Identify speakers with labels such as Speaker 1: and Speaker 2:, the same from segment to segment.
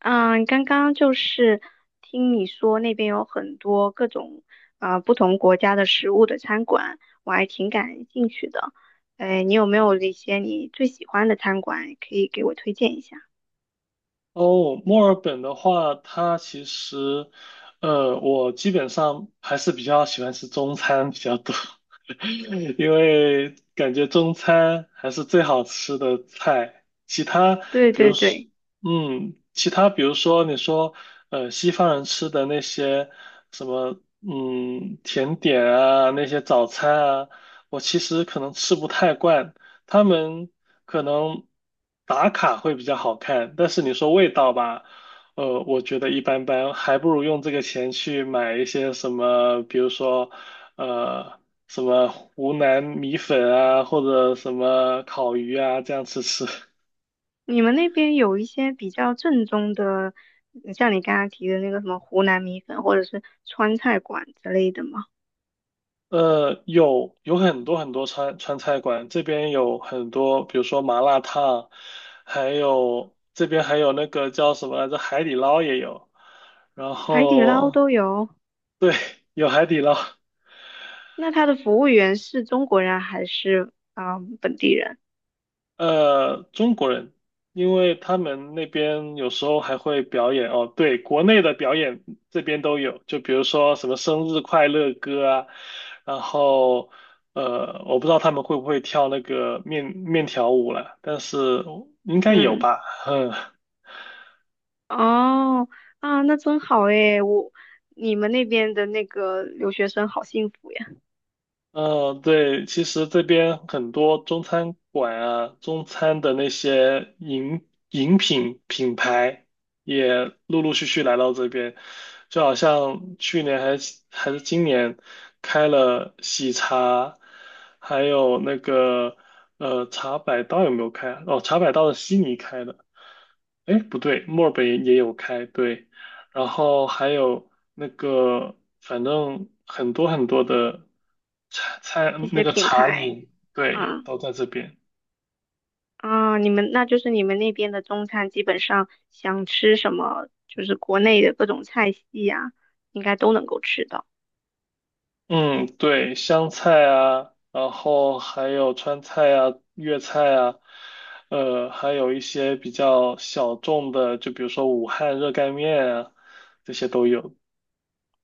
Speaker 1: 嗯，刚刚就是听你说那边有很多各种不同国家的食物的餐馆，我还挺感兴趣的。哎，你有没有一些你最喜欢的餐馆可以给我推荐一下？
Speaker 2: 哦，墨尔本的话，它其实，我基本上还是比较喜欢吃中餐比较多。因为感觉中餐还是最好吃的菜，
Speaker 1: 对
Speaker 2: 比如
Speaker 1: 对
Speaker 2: 说，
Speaker 1: 对，
Speaker 2: 其他比如说你说，西方人吃的那些什么，甜点啊，那些早餐啊，我其实可能吃不太惯，他们可能打卡会比较好看，但是你说味道吧。我觉得一般般，还不如用这个钱去买一些什么，比如说，呃。什么湖南米粉啊，或者什么烤鱼啊，这样吃吃。
Speaker 1: 你们那边有一些比较正宗的，嗯像你刚刚提的那个什么湖南米粉或者是川菜馆之类的吗？
Speaker 2: 有很多很多川菜馆，这边有很多，比如说麻辣烫，还有这边还有那个叫什么来着，海底捞也有。然
Speaker 1: 海底捞
Speaker 2: 后
Speaker 1: 都有。
Speaker 2: 对，有海底捞。
Speaker 1: 那他的服务员是中国人还是本地人？
Speaker 2: 中国人，因为他们那边有时候还会表演哦，对，国内的表演这边都有，就比如说什么生日快乐歌啊，然后我不知道他们会不会跳那个面条舞了，但是应该有
Speaker 1: 嗯。
Speaker 2: 吧，嗯，
Speaker 1: 哦，啊，那真好诶，你们那边的那个留学生好幸福呀，
Speaker 2: 嗯，对，其实这边很多中餐馆啊，中餐的那些饮品品牌也陆陆续续来到这边，就好像去年还是今年开了喜茶，还有那个茶百道有没有开啊哦，茶百道是悉尼开的，哎，不对，墨尔本也有开，对，然后还有那个，反正很多很多的茶菜，
Speaker 1: 一
Speaker 2: 那
Speaker 1: 些
Speaker 2: 个
Speaker 1: 品
Speaker 2: 茶
Speaker 1: 牌，
Speaker 2: 饮，对，
Speaker 1: 啊
Speaker 2: 都在这边。
Speaker 1: 啊，你们那边的中餐，基本上想吃什么，就是国内的各种菜系呀，应该都能够吃到。
Speaker 2: 嗯，对，湘菜啊，然后还有川菜啊、粤菜啊，还有一些比较小众的，就比如说武汉热干面啊，这些都有。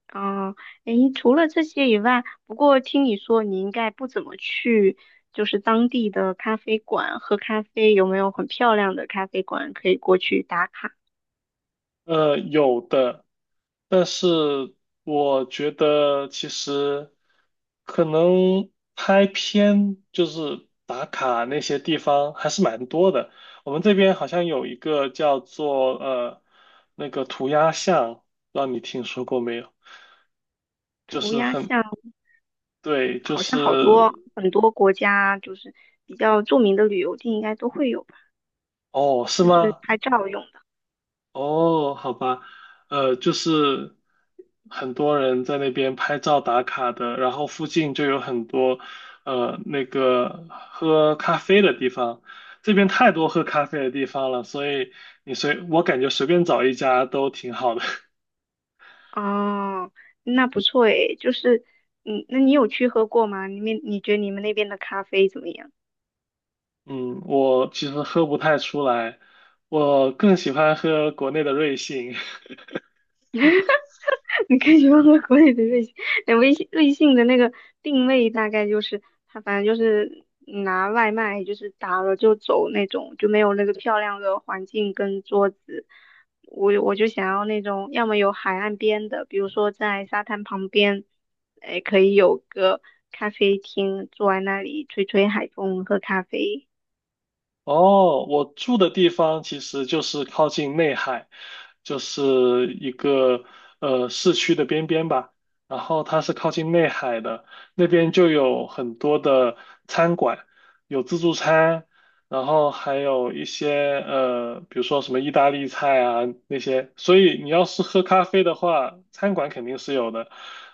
Speaker 1: 啊，诶，除了这些以外，不过听你说你应该不怎么去，就是当地的咖啡馆喝咖啡，有没有很漂亮的咖啡馆可以过去打卡？
Speaker 2: 有的，但是我觉得其实可能拍片就是打卡那些地方还是蛮多的。我们这边好像有一个叫做那个涂鸦巷，不知道你听说过没有？就
Speaker 1: 涂
Speaker 2: 是
Speaker 1: 鸦
Speaker 2: 很，
Speaker 1: 巷？
Speaker 2: 对，就
Speaker 1: 好
Speaker 2: 是，
Speaker 1: 像好多很多国家就是比较著名的旅游地应该都会有吧，
Speaker 2: 哦，是
Speaker 1: 就是
Speaker 2: 吗？
Speaker 1: 拍照用的。
Speaker 2: 哦，好吧，就是很多人在那边拍照打卡的，然后附近就有很多那个喝咖啡的地方，这边太多喝咖啡的地方了，所以你随，我感觉随便找一家都挺好的。
Speaker 1: 哦，那不错诶，就是嗯，那你有去喝过吗？你觉得你们那边的咖啡怎么样？
Speaker 2: 嗯，我其实喝不太出来，我更喜欢喝国内的瑞幸。
Speaker 1: 你可以用到国内的瑞幸，那微信瑞幸的那个定位大概就是它，反正就是拿外卖，就是打了就走那种，就没有那个漂亮的环境跟桌子。我就想要那种，要么有海岸边的，比如说在沙滩旁边，哎，可以有个咖啡厅，坐在那里吹吹海风，喝咖啡。
Speaker 2: 哦，我住的地方其实就是靠近内海，就是一个市区的边边吧。然后它是靠近内海的，那边就有很多的餐馆，有自助餐，然后还有一些比如说什么意大利菜啊那些，所以你要是喝咖啡的话，餐馆肯定是有的，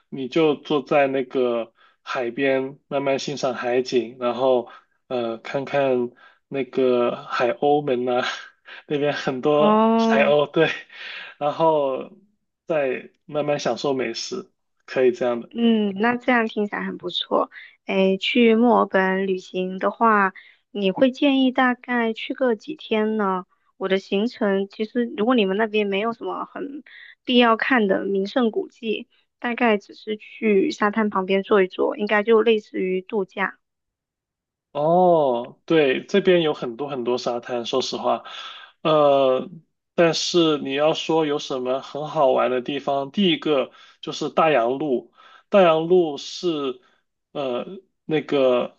Speaker 2: 你就坐在那个海边，慢慢欣赏海景，然后看看那个海鸥们呐、那边很多海
Speaker 1: 哦，
Speaker 2: 鸥，对，然后再慢慢享受美食，可以这样的。
Speaker 1: 嗯，那这样听起来很不错。诶，去墨尔本旅行的话，你会建议大概去个几天呢？我的行程其实，如果你们那边没有什么很必要看的名胜古迹，大概只是去沙滩旁边坐一坐，应该就类似于度假，
Speaker 2: 哦，对，这边有很多很多沙滩，说实话，呃，但是你要说有什么很好玩的地方，第一个就是大洋路，大洋路是呃那个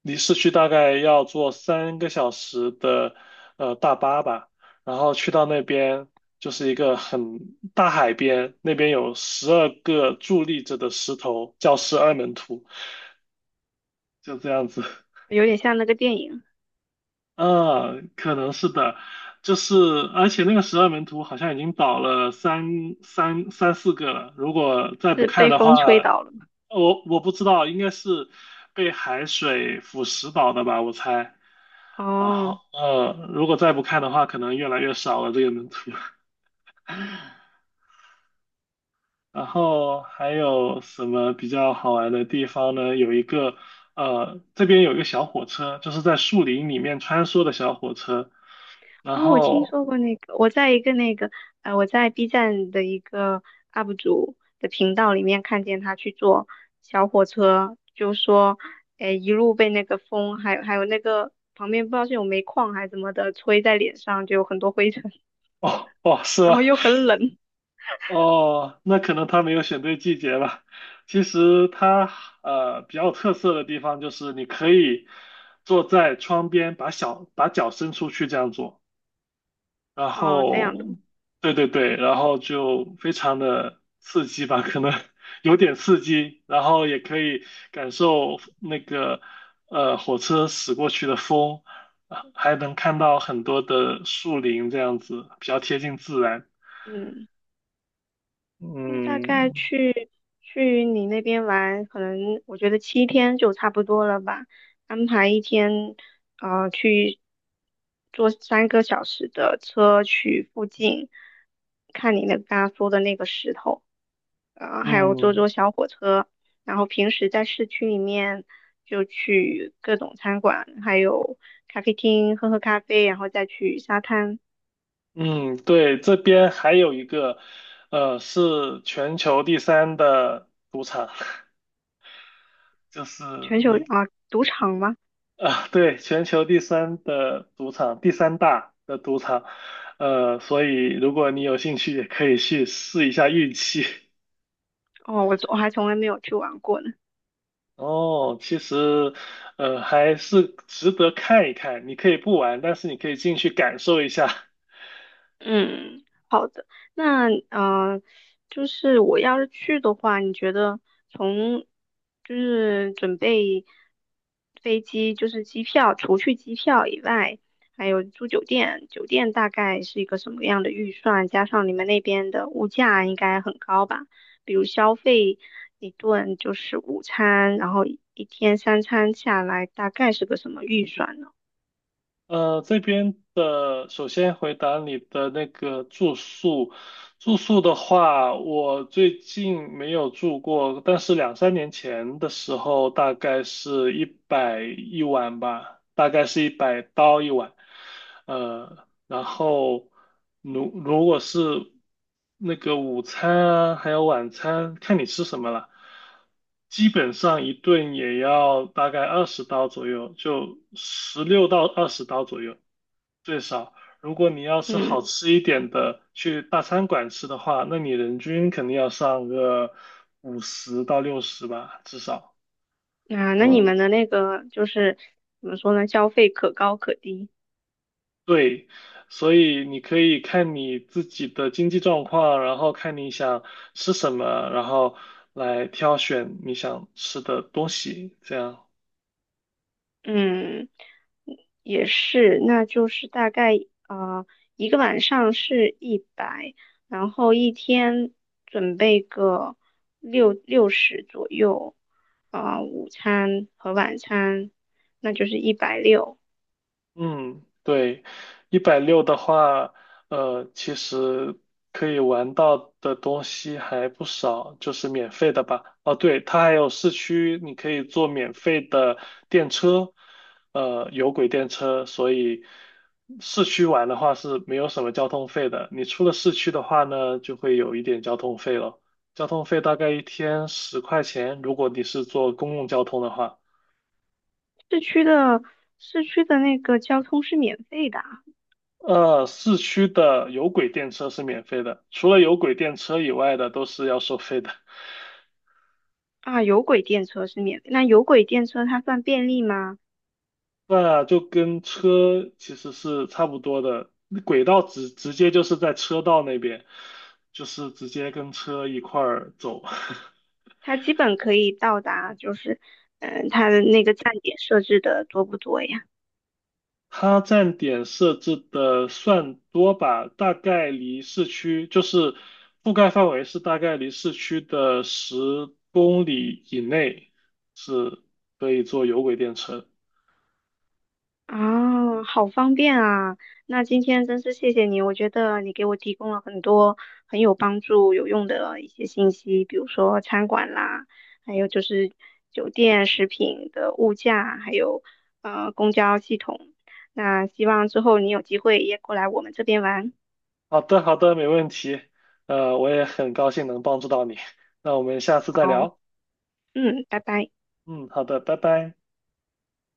Speaker 2: 离市区大概要坐3个小时的大巴吧，然后去到那边就是一个很大海边，那边有12个伫立着的石头，叫十二门徒，就这样子。
Speaker 1: 有点像那个电影，
Speaker 2: 可能是的，就是而且那个十二门徒好像已经倒了三四个了，如果再不
Speaker 1: 是
Speaker 2: 看
Speaker 1: 被
Speaker 2: 的
Speaker 1: 风吹
Speaker 2: 话，
Speaker 1: 倒了嘛？
Speaker 2: 我不知道，应该是被海水腐蚀倒的吧，我猜。然
Speaker 1: 哦。
Speaker 2: 后如果再不看的话，可能越来越少了这个门徒。然后还有什么比较好玩的地方呢？有一个呃，这边有一个小火车，就是在树林里面穿梭的小火车，然
Speaker 1: 哦，我听
Speaker 2: 后。
Speaker 1: 说过那个，我在 B 站的一个 UP 主的频道里面看见他去坐小火车，就说，哎，一路被那个风，还有那个旁边不知道是有煤矿还是怎么的，吹在脸上，就有很多灰尘，
Speaker 2: 哦哦，是
Speaker 1: 然
Speaker 2: 吗？
Speaker 1: 后又很冷，
Speaker 2: 哦，那可能他没有选对季节吧。其实它比较有特色的地方就是你可以坐在窗边，把脚伸出去这样做，然
Speaker 1: 哦，这样的，
Speaker 2: 后对对对，然后就非常的刺激吧，可能 有点刺激，然后也可以感受那个火车驶过去的风，啊还能看到很多的树林这样子，比较贴近自然。
Speaker 1: 嗯。那大
Speaker 2: 嗯
Speaker 1: 概去你那边玩，可能我觉得7天就差不多了吧。安排一天，去坐3个小时的车去附近，看你那刚刚说的那个石头，还有坐
Speaker 2: 嗯。
Speaker 1: 坐小火车。然后平时在市区里面就去各种餐馆，还有咖啡厅喝喝咖啡，然后再去沙滩。
Speaker 2: 嗯，对，这边还有一个，是全球第三的赌场，就是
Speaker 1: 全球
Speaker 2: 你
Speaker 1: 啊，赌场吗？
Speaker 2: 啊，对，全球第三的赌场，第三大的赌场，所以如果你有兴趣，也可以去试一下运气。
Speaker 1: 哦，我还从来没有去玩过呢。
Speaker 2: 哦，其实，还是值得看一看。你可以不玩，但是你可以进去感受一下。
Speaker 1: 嗯，好的。那嗯，就是我要是去的话，你觉得从就是准备飞机，就是机票，除去机票以外，还有住酒店，酒店大概是一个什么样的预算？加上你们那边的物价应该很高吧？比如消费一顿就是午餐，然后一天三餐下来，大概是个什么预算呢？
Speaker 2: 这边的首先回答你的那个住宿，住宿的话，我最近没有住过，但是两三年前的时候，大概是一百一晚吧，大概是100刀一晚。呃，然后如果是那个午餐啊，还有晚餐，看你吃什么了，基本上一顿也要大概二十刀左右，就16到20刀左右最少。如果你要是
Speaker 1: 嗯。
Speaker 2: 好吃一点的，去大餐馆吃的话，那你人均肯定要上个50到60吧，至少。
Speaker 1: 啊，那你
Speaker 2: 哦
Speaker 1: 们的那个怎么说呢？消费可高可低。
Speaker 2: 对，所以你可以看你自己的经济状况，然后看你想吃什么，然后来挑选你想吃的东西，这样。
Speaker 1: 嗯，也是，那就是大概呃一个晚上是一百，然后一天准备个60左右，啊、午餐和晚餐，那就是160。
Speaker 2: 嗯，对，160的话，其实可以玩到的东西还不少，就是免费的吧。哦，对，它还有市区，你可以坐免费的电车，有轨电车，所以市区玩的话是没有什么交通费的。你出了市区的话呢，就会有一点交通费了，交通费大概一天10块钱，如果你是坐公共交通的话。
Speaker 1: 市区的市区的那个交通是免费的啊，
Speaker 2: 市区的有轨电车是免费的，除了有轨电车以外的都是要收费的。
Speaker 1: 啊有轨电车是免费。那有轨电车它算便利吗？
Speaker 2: 那就跟车其实是差不多的，轨道直接就是在车道那边，就是直接跟车一块儿走。
Speaker 1: 它基本可以到达，它的那个站点设置的多不多呀？
Speaker 2: 它站点设置的算多吧，大概离市区就是覆盖范围是大概离市区的10公里以内是可以坐有轨电车的。
Speaker 1: 啊，好方便啊！那今天真是谢谢你，我觉得你给我提供了很多很有帮助、有用的一些信息，比如说餐馆啦，还有就是酒店、食品的物价，还有公交系统。那希望之后你有机会也过来我们这边玩。
Speaker 2: 好的，好的，没问题。我也很高兴能帮助到你。那我们下次再
Speaker 1: 好，
Speaker 2: 聊。
Speaker 1: 嗯，拜拜。
Speaker 2: 嗯，好的，拜拜。